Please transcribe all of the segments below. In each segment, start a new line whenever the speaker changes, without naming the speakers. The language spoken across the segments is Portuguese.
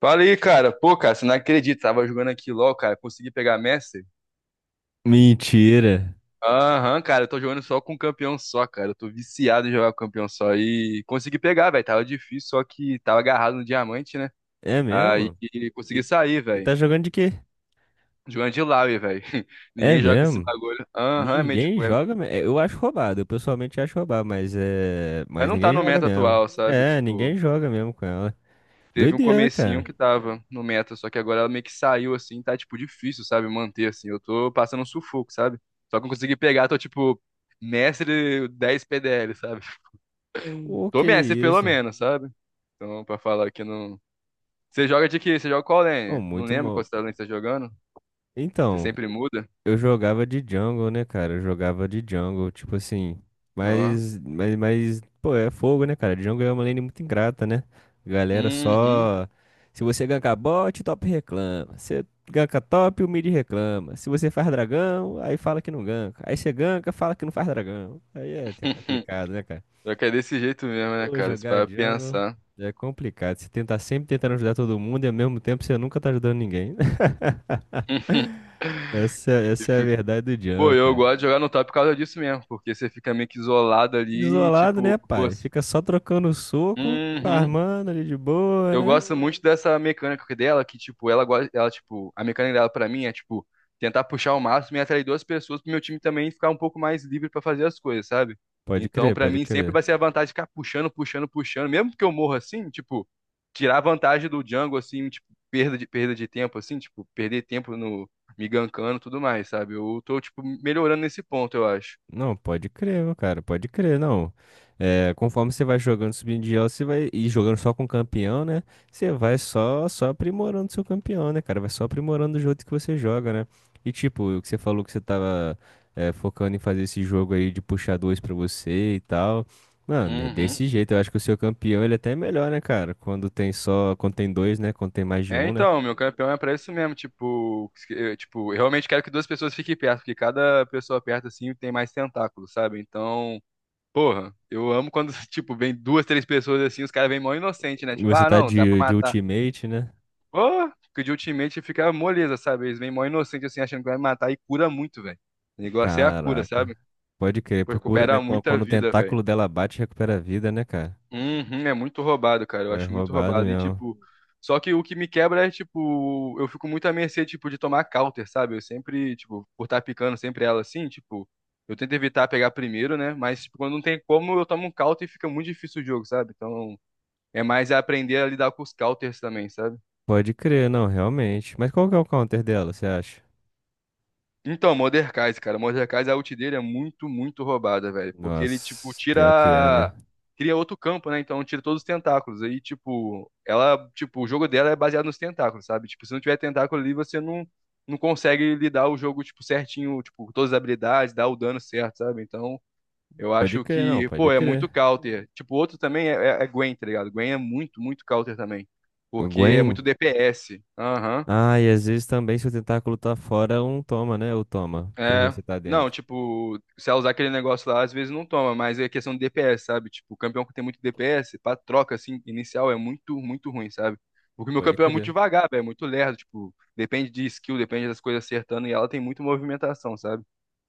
Fala aí, cara. Pô, cara, você não acredita. Tava jogando aqui LOL, cara. Consegui pegar Messi?
Mentira.
Aham, cara. Eu tô jogando só com campeão só, cara. Eu tô viciado em jogar com campeão só. E consegui pegar, velho. Tava difícil, só que tava agarrado no diamante, né?
É
Aí
mesmo?
consegui
E,
sair,
e
velho.
tá jogando de quê?
Jogando de Laui, velho.
É
Ninguém joga esse
mesmo?
bagulho. Aham, mas
Ninguém
tipo.
joga. Eu acho roubado. Eu pessoalmente acho roubado, mas é.
Mas
Mas
não tá
ninguém
no
joga
meta
mesmo.
atual, sabe?
É, ninguém
Tipo.
joga mesmo com ela.
Teve um
Doideira,
comecinho
cara.
que tava no meta, só que agora ela meio que saiu assim, tá tipo difícil, sabe, manter assim. Eu tô passando um sufoco, sabe? Só que eu consegui pegar, tô tipo mestre 10 PDL, sabe?
O
Tô
que é
mestre pelo
isso?
menos, sabe? Então, pra falar que não. Você joga de quê? Você joga qual
Pô,
lane? Não
muito
lembro qual
mal.
lane você tá jogando. Você
Então,
sempre muda?
eu jogava de jungle, né, cara? Eu jogava de jungle, tipo assim.
Ó.
Mas, pô, é fogo, né, cara? Jungle é uma lane muito ingrata, né? Galera
Uhum.
só. Se você ganka bot, o top reclama. Se ganka top, o mid reclama. Se você faz dragão, aí fala que não ganka. Aí você ganka, fala que não faz dragão. Aí é complicado, né, cara?
Só que é desse jeito mesmo, né,
Pô,
cara? Você
jogar
vai
jungle
pensar.
é complicado. Você tenta sempre tentando ajudar todo mundo e ao mesmo tempo você nunca tá ajudando ninguém. Essa,
E
essa é a
fica-
verdade do
Pô,
jungle,
eu
cara.
gosto de jogar no top por causa disso mesmo, porque você fica meio que isolado ali e,
Isolado, né,
tipo, pô.
pai? Fica só trocando soco,
Uhum.
farmando ali de boa,
Eu
né?
gosto muito dessa mecânica dela, que, tipo, ela gosta, ela, tipo, a mecânica dela pra mim é, tipo, tentar puxar o máximo e atrair duas pessoas pro meu time também ficar um pouco mais livre pra fazer as coisas, sabe?
Pode
Então,
crer,
pra
pode
mim, sempre
crer.
vai ser a vantagem de ficar puxando, puxando, puxando, mesmo que eu morra assim, tipo, tirar a vantagem do jungle, assim, tipo, perda de tempo, assim, tipo, perder tempo no me gankando e tudo mais, sabe? Eu tô, tipo, melhorando nesse ponto, eu acho.
Não, pode crer, meu cara, pode crer, não. É, conforme você vai jogando, subindo de elo, você vai e jogando só com campeão, né? Você vai só aprimorando seu campeão, né, cara? Vai só aprimorando o jogo que você joga, né? E tipo, o que você falou que você tava focando em fazer esse jogo aí de puxar dois pra você e tal. Mano, é
Uhum.
desse jeito, eu acho que o seu campeão ele até é melhor, né, cara? Quando tem só, quando tem dois, né? Quando tem mais de
É,
um, né?
então, meu campeão é pra isso mesmo, tipo, eu realmente quero que duas pessoas fiquem perto, porque cada pessoa perto, assim, tem mais tentáculos, sabe? Então, porra, eu amo quando, tipo, vem duas, três pessoas, assim, os caras vêm mó inocente, né?
E
Tipo,
você
ah,
tá
não, dá pra
de
matar.
ultimate, né?
Pô, que de ultimate fica moleza, sabe? Eles vêm mó inocente, assim, achando que vai matar e cura muito, velho. O negócio é a cura,
Caraca.
sabe?
Pode crer,
Pô,
procura, né?
recupera muita
Quando o
vida,
tentáculo
velho.
dela bate, recupera a vida, né, cara?
Uhum, é muito roubado, cara. Eu
Pô, é
acho muito
roubado
roubado. E,
mesmo.
tipo, só que o que me quebra é, tipo, eu fico muito à mercê, tipo, de tomar counter, sabe? Eu sempre, tipo, por estar picando sempre ela assim, tipo, eu tento evitar pegar primeiro, né? Mas, tipo, quando não tem como, eu tomo um counter e fica muito difícil o jogo, sabe? Então, é mais aprender a lidar com os counters também, sabe?
Pode crer, não, realmente. Mas qual que é o counter dela, você acha?
Então, Mordekaiser, cara, Mordekaiser, a ult dele é muito, muito roubada, velho. Porque ele, tipo,
Nossa, pior que é, né?
tira. Cria outro campo, né? Então tira todos os tentáculos. Aí, tipo, ela, tipo, o jogo dela é baseado nos tentáculos, sabe? Tipo, se não tiver tentáculo ali, você não, não consegue lidar o jogo, tipo, certinho, tipo, todas as habilidades, dar o dano certo, sabe? Então, eu
Pode
acho
crer, não,
que, pô,
pode
é muito
crer.
counter. Tipo, outro também é, Gwen, tá ligado? Gwen é muito, muito counter também.
O
Porque é muito
Gwen?
DPS. Aham.
Ah, e às vezes também, se o tentáculo tá fora, um toma, né? Ou toma, por
É.
você tá
Não,
dentro.
tipo, se ela usar aquele negócio lá, às vezes não toma, mas é questão de DPS, sabe? Tipo, o campeão que tem muito DPS, pra troca, assim, inicial é muito, muito ruim, sabe? Porque meu
Pode
campeão é muito
crer.
devagar, velho, é muito lerdo, tipo, depende de skill, depende das coisas acertando, e ela tem muita movimentação, sabe?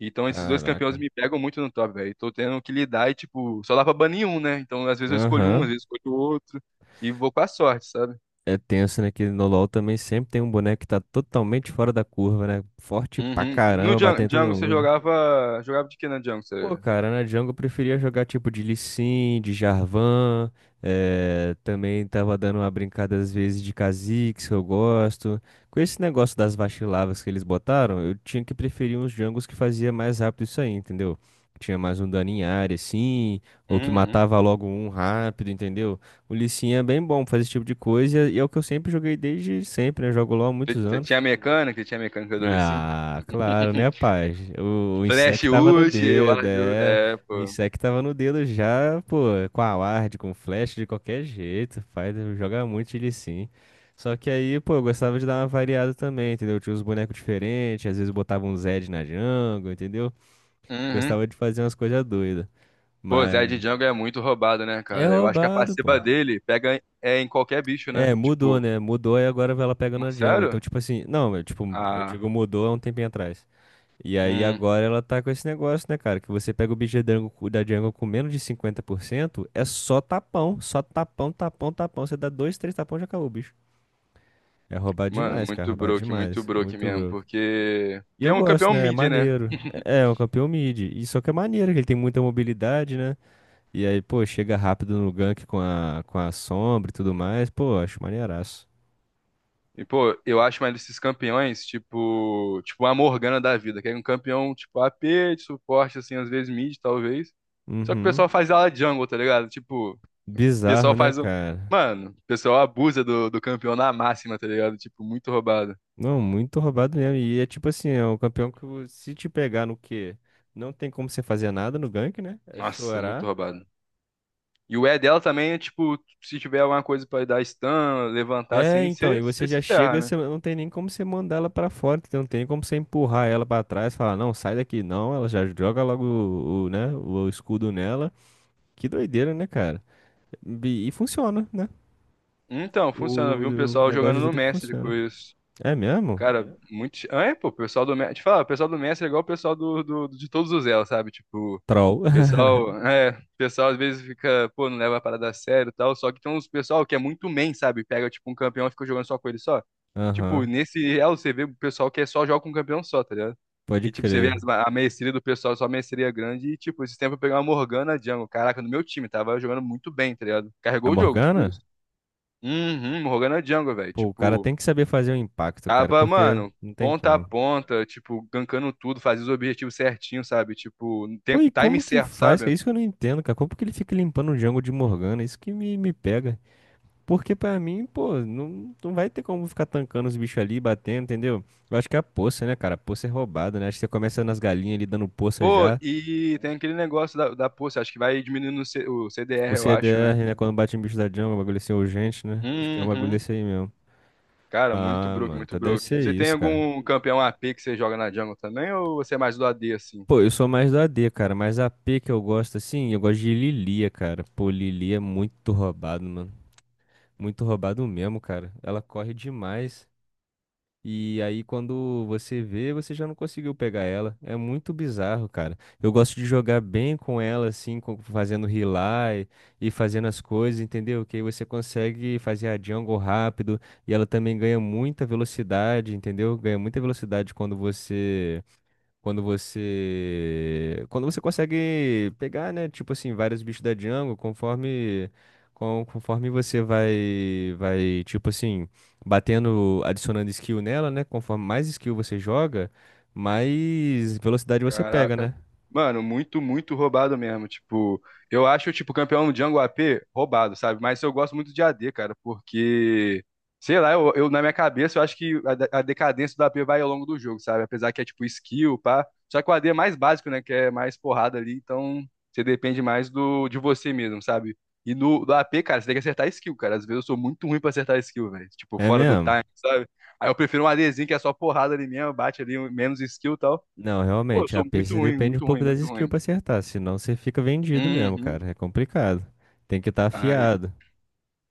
Então esses dois campeões
Caraca.
me pegam muito no top, velho, e tô tendo que lidar e, tipo, só dá pra banir um, né? Então às vezes eu escolho um, às
Aham.
vezes eu escolho outro, e vou com a sorte, sabe?
É tenso, né? Que no LoL também sempre tem um boneco que tá totalmente fora da curva, né? Forte pra
Uhum. No
caramba, batendo
Django,
em todo
Django você
mundo, né?
jogava. Jogava de que na Django? Você.
Pô, cara, na Jungle eu preferia jogar tipo de Lee Sin, de Jarvan, também tava dando uma brincada às vezes de Kha'Zix, que eu gosto. Com esse negócio das vacilavas que eles botaram, eu tinha que preferir uns jungles que fazia mais rápido isso aí, entendeu? Que tinha mais um dano em área, assim, ou que
Uhum.
matava logo um rápido, entendeu? O Lee Sin é bem bom pra fazer esse tipo de coisa e é o que eu sempre joguei desde sempre, né? Jogo LoL há
Você
muitos
você
anos.
tinha mecânica? Você tinha mecânica do Lee Sin?
Ah, claro, né, rapaz? O
Flash
Insect tava no
ult, eu
dedo,
acho.
é.
É,
O
pô.
Insect tava no dedo já, pô, com a ward, com flash, de qualquer jeito, rapaz. Joga muito ele sim. Só que aí, pô, eu gostava de dar uma variada também, entendeu? Eu tinha uns bonecos diferentes, às vezes botava um Zed na jungle, entendeu?
Uhum.
Gostava de fazer umas coisas doidas.
Pô, Zé de
Mas
Jungle é muito roubado, né,
é
cara? Eu acho que a
roubado, pô.
passiva dele pega é, em qualquer bicho, né?
É, mudou,
Tipo,
né? Mudou e agora ela pega na jungle. Então,
sério?
tipo assim, não, eu, tipo, eu
Ah,
digo mudou há um tempinho atrás. E aí
hum.
agora ela tá com esse negócio, né, cara? Que você pega o bicho da Django, da Django com menos de 50% é só tapão, tapão, tapão. Você dá dois, três tapão, já acabou o bicho. É roubado
Mano,
demais, cara, roubado
muito
demais.
broke
Muito
mesmo,
broke.
porque.
E
Porque é
eu
um
gosto,
campeão
né? É
mid, né?
maneiro. É, é um campeão mid. E só que é maneiro, que ele tem muita mobilidade, né? E aí, pô, chega rápido no gank com a, sombra e tudo mais. Pô, acho maneiraço.
E, pô, eu acho mais desses campeões, tipo. Tipo, a Morgana da vida, que é um campeão, tipo, a AP, de suporte, assim, às vezes mid, talvez. Só que o
Uhum.
pessoal faz ela jungle, tá ligado? Tipo. O
Bizarro,
pessoal
né,
faz um.
cara?
Mano, o pessoal abusa do campeão na máxima, tá ligado? Tipo, muito roubado.
Não, muito roubado mesmo. E é tipo assim, é um campeão que se te pegar no quê? Não tem como você fazer nada no gank, né? É
Nossa, muito
chorar.
roubado. E o E dela também é tipo, se tiver alguma coisa pra dar stun, levantar
É,
assim,
então,
você
e você já
se ferra,
chega,
né?
você não tem nem como você mandar ela pra fora, entendeu? Não tem como você empurrar ela pra trás, falar, não, sai daqui, não, ela já joga logo o, né, o escudo nela. Que doideira, né, cara? E funciona, né?
Então, funciona. Eu
O,
vi um
o
pessoal jogando
negócio de
no
tudo que
Mestre com
funciona.
isso.
É mesmo?
Cara, muito. Ah, é, pô, o pessoal do Mestre. Te falar, o pessoal do Mestre é igual o pessoal de todos os elos, sabe? Tipo,
Troll.
pessoal, é, pessoal às vezes fica, pô, não leva a parada a sério e tal, só que tem uns pessoal que é muito main, sabe? Pega, tipo, um campeão e fica jogando só com ele só. Tipo,
Aham,
nesse real você vê o pessoal que é só joga com um campeão só, tá ligado?
pode
E, tipo, você vê
crer.
a maestria do pessoal, só maestria grande, e, tipo, esse tempo eu peguei uma Morgana Jungle, caraca, no meu time, tava jogando muito bem, tá ligado?
A
Carregou o jogo, tipo isso.
Morgana?
Uhum, Morgana Jungle, velho,
Pô, o cara
tipo,
tem que saber fazer o impacto, cara,
tava,
porque
mano,
não tem
ponta a
como.
ponta, tipo, gankando tudo, fazia os objetivos certinho, sabe? Tipo, no
Pô, e
time
como que
certo,
faz? É
sabe?
isso que eu não entendo, cara. Como que ele fica limpando o Django de Morgana? Isso que me pega. Porque pra mim, pô, não, não vai ter como ficar tancando os bichos ali, batendo, entendeu? Eu acho que é a poça, né, cara? A poça é roubada, né? Acho que você começa nas galinhas ali dando poça
Pô,
já.
e tem aquele negócio da poça, acho que vai diminuindo o
O
CDR, eu acho,
CDR,
né?
né, quando bate em bicho da Django, é um bagulho assim urgente, né? Acho que é um bagulho
Uhum.
desse aí mesmo.
Cara, muito
Ah,
broke,
mano,
muito
então deve
broke.
ser
Você tem
isso, cara.
algum campeão AP que você joga na jungle também, ou você é mais do AD, assim?
Pô, eu sou mais do AD, cara, mas a P que eu gosto, assim, eu gosto de Lilia, cara. Pô, Lilia é muito roubado, mano. Muito roubado mesmo, cara. Ela corre demais. E aí, quando você vê, você já não conseguiu pegar ela. É muito bizarro, cara. Eu gosto de jogar bem com ela, assim, fazendo rely e fazendo as coisas, entendeu? Que aí você consegue fazer a jungle rápido. E ela também ganha muita velocidade, entendeu? Ganha muita velocidade quando você. Consegue pegar, né? Tipo assim, vários bichos da jungle, Conforme você vai, tipo assim, batendo, adicionando skill nela, né? Conforme mais skill você joga, mais velocidade você pega,
Caraca.
né?
Mano, muito, muito roubado mesmo. Tipo, eu acho, tipo, campeão Django AP roubado, sabe? Mas eu gosto muito de AD, cara, porque, sei lá, na minha cabeça eu acho que a decadência do AP vai ao longo do jogo, sabe? Apesar que é tipo skill, pá. Só que o AD é mais básico, né? Que é mais porrada ali, então você depende mais do, de você mesmo, sabe? E no do AP, cara, você tem que acertar skill, cara. Às vezes eu sou muito ruim pra acertar skill, velho. Tipo,
É
fora do
mesmo?
time, sabe? Aí eu prefiro um ADzinho que é só porrada ali mesmo, bate ali menos skill e tal.
Não,
Pô, eu
realmente,
sou
a
muito
peixe
ruim,
depende um
muito ruim,
pouco das
muito
skills
ruim.
pra acertar, senão você fica vendido mesmo,
Uhum.
cara. É complicado. Tem que estar
Ai,
afiado.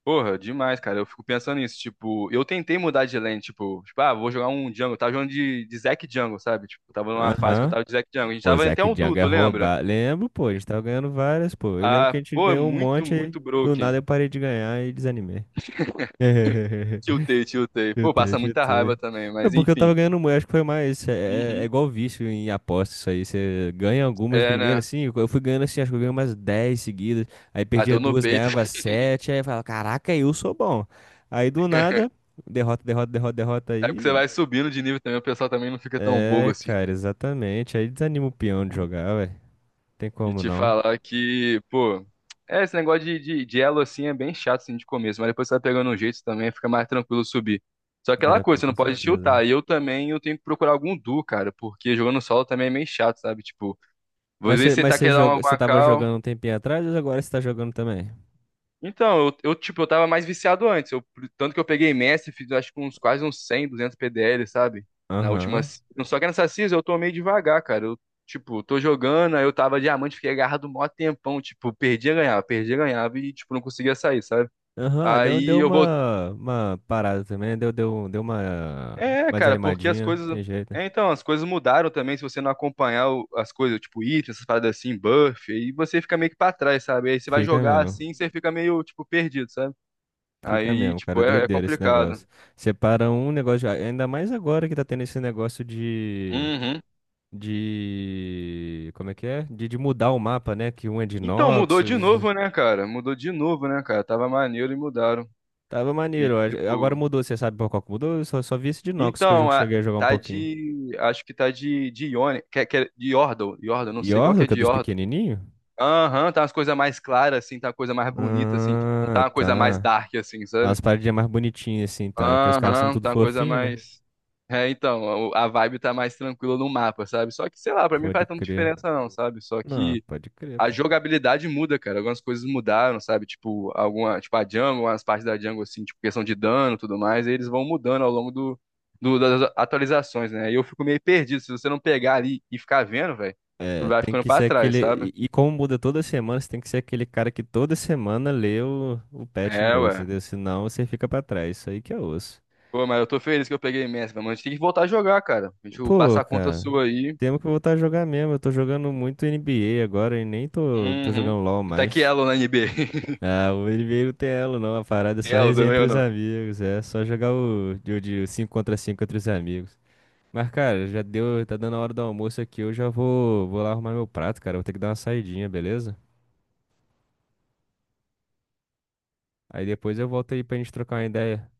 porra, demais, cara. Eu fico pensando nisso, tipo, eu tentei mudar de lane, tipo, ah, vou jogar um jungle. Eu tava jogando de Zac Jungle, sabe? Tipo, eu tava numa fase que eu
Aham.
tava de Zac Jungle. A gente
Pô,
tava até
Zack
um
Django é
duto, lembra?
roubado. Lembro, pô, a gente tava ganhando várias, pô. Eu lembro que
Ah,
a gente
pô, é
ganhou um
muito,
monte e
muito
do
broken.
nada eu parei de ganhar e desanimei.
Tiltei, tiltei. Pô,
Chutei,
passa muita raiva
chutei.
também,
É
mas
porque eu
enfim.
tava ganhando muito, acho que foi mais. É
Uhum.
igual vício em aposta, isso aí. Você ganha algumas
É,
primeiro,
né?
assim. Eu fui ganhando assim, acho que eu ganhei umas 10 seguidas. Aí perdia
Bateu no
duas,
peito.
ganhava sete. Aí eu falava, caraca, eu sou bom. Aí do nada, derrota, derrota, derrota, derrota
É porque você
aí.
vai subindo de nível também, o pessoal também não fica tão bobo
É,
assim.
cara, exatamente. Aí desanima o peão de jogar, ué. Tem
E
como
te
não.
falar que, pô, é, esse negócio de elo assim é bem chato assim de começo, mas depois você vai pegando um jeito também, fica mais tranquilo subir. Só aquela
É,
coisa,
pô,
você
com
não pode
certeza.
tiltar. E eu também eu tenho que procurar algum duo, cara, porque jogando solo também é meio chato, sabe? Tipo, às
Mas
vezes
você,
você
mas
tá
você
querendo dar uma
joga, você tava
guacal,
jogando um tempinho atrás ou agora você tá jogando também?
então, tipo, eu tava mais viciado antes. Eu, tanto que eu peguei Messi, fiz acho que uns quase uns 100, 200 PDL, sabe? Na última.
Aham.
Só que nessa season eu tô meio devagar, cara. Eu, tipo, tô jogando, aí eu tava diamante, fiquei agarrado um maior tempão. Tipo, perdia, ganhava e, tipo, não conseguia sair, sabe?
Aham, deu,
Aí
deu
eu voltei.
uma parada também, né? Deu uma,
É,
uma
cara, porque as
desanimadinha, né?
coisas.
Tem jeito, né?
É, então, as coisas mudaram também. Se você não acompanhar as coisas, tipo, item, essas paradas assim, buff, aí você fica meio que pra trás, sabe? Aí você vai
Fica
jogar
mesmo,
assim, você fica meio, tipo, perdido, sabe?
fica
Aí,
mesmo,
tipo,
cara,
é
doideira esse
complicado.
negócio. Separa um negócio, ainda mais agora que tá tendo esse negócio de,
Uhum.
de, como é que é? De mudar o mapa, né? Que um é de
Então, mudou de novo,
Noxus.
né, cara? Mudou de novo, né, cara? Tava maneiro e mudaram.
Tava
E,
maneiro. Ó. Agora
tipo.
mudou, você sabe por qual que mudou? Eu só vi esse de Nox que eu
Então,
cheguei a jogar um
tá
pouquinho.
de. Acho que tá de Ione. Que é de Yordle. Yordle, não sei qual que
Yordle,
é
que é
de
dos
Yordle.
pequenininhos?
Aham, tá umas coisas mais claras, assim. Tá uma coisa mais bonita, assim. Tipo, não tá
Ah,
uma coisa mais
tá.
dark, assim, sabe?
As paradinhas mais bonitinhas assim, tá? É que os caras são
Aham,
tudo
tá uma coisa
fofinho, né?
mais. É, então, a vibe tá mais tranquila no mapa, sabe? Só que, sei lá, pra mim não
Pode
faz tanta
crer.
diferença não, sabe? Só
Não,
que
pode crer,
a
pô.
jogabilidade muda, cara. Algumas coisas mudaram, sabe? Tipo, alguma, tipo a Django, umas partes da Django, assim, tipo, questão de dano e tudo mais, e eles vão mudando ao longo das atualizações, né? E eu fico meio perdido. Se você não pegar ali e ficar vendo, velho, tu
É,
vai
tem
ficando
que
pra
ser
trás,
aquele.
sabe?
E como muda toda semana, você tem que ser aquele cara que toda semana lê o patch
É,
note,
ué.
entendeu? Senão você fica pra trás. Isso aí que é osso.
Pô, mas eu tô feliz que eu peguei imenso, mas a gente tem que voltar a jogar, cara. A gente passa
Pô,
a conta
cara,
sua aí.
temos que voltar a jogar mesmo. Eu tô jogando muito NBA agora e nem tô
Uhum.
jogando LoL
Tá que
mais.
elo na NB?
Ah, o NBA não tem elo não, a parada é só
Elo
resenha
também
entre
ou
os
não?
amigos, é só jogar o de 5 contra 5 entre os amigos. Mas, cara, já deu, tá dando a hora do almoço aqui, eu já vou lá arrumar meu prato, cara, vou ter que dar uma saidinha, beleza? Aí depois eu volto aí pra gente trocar uma ideia.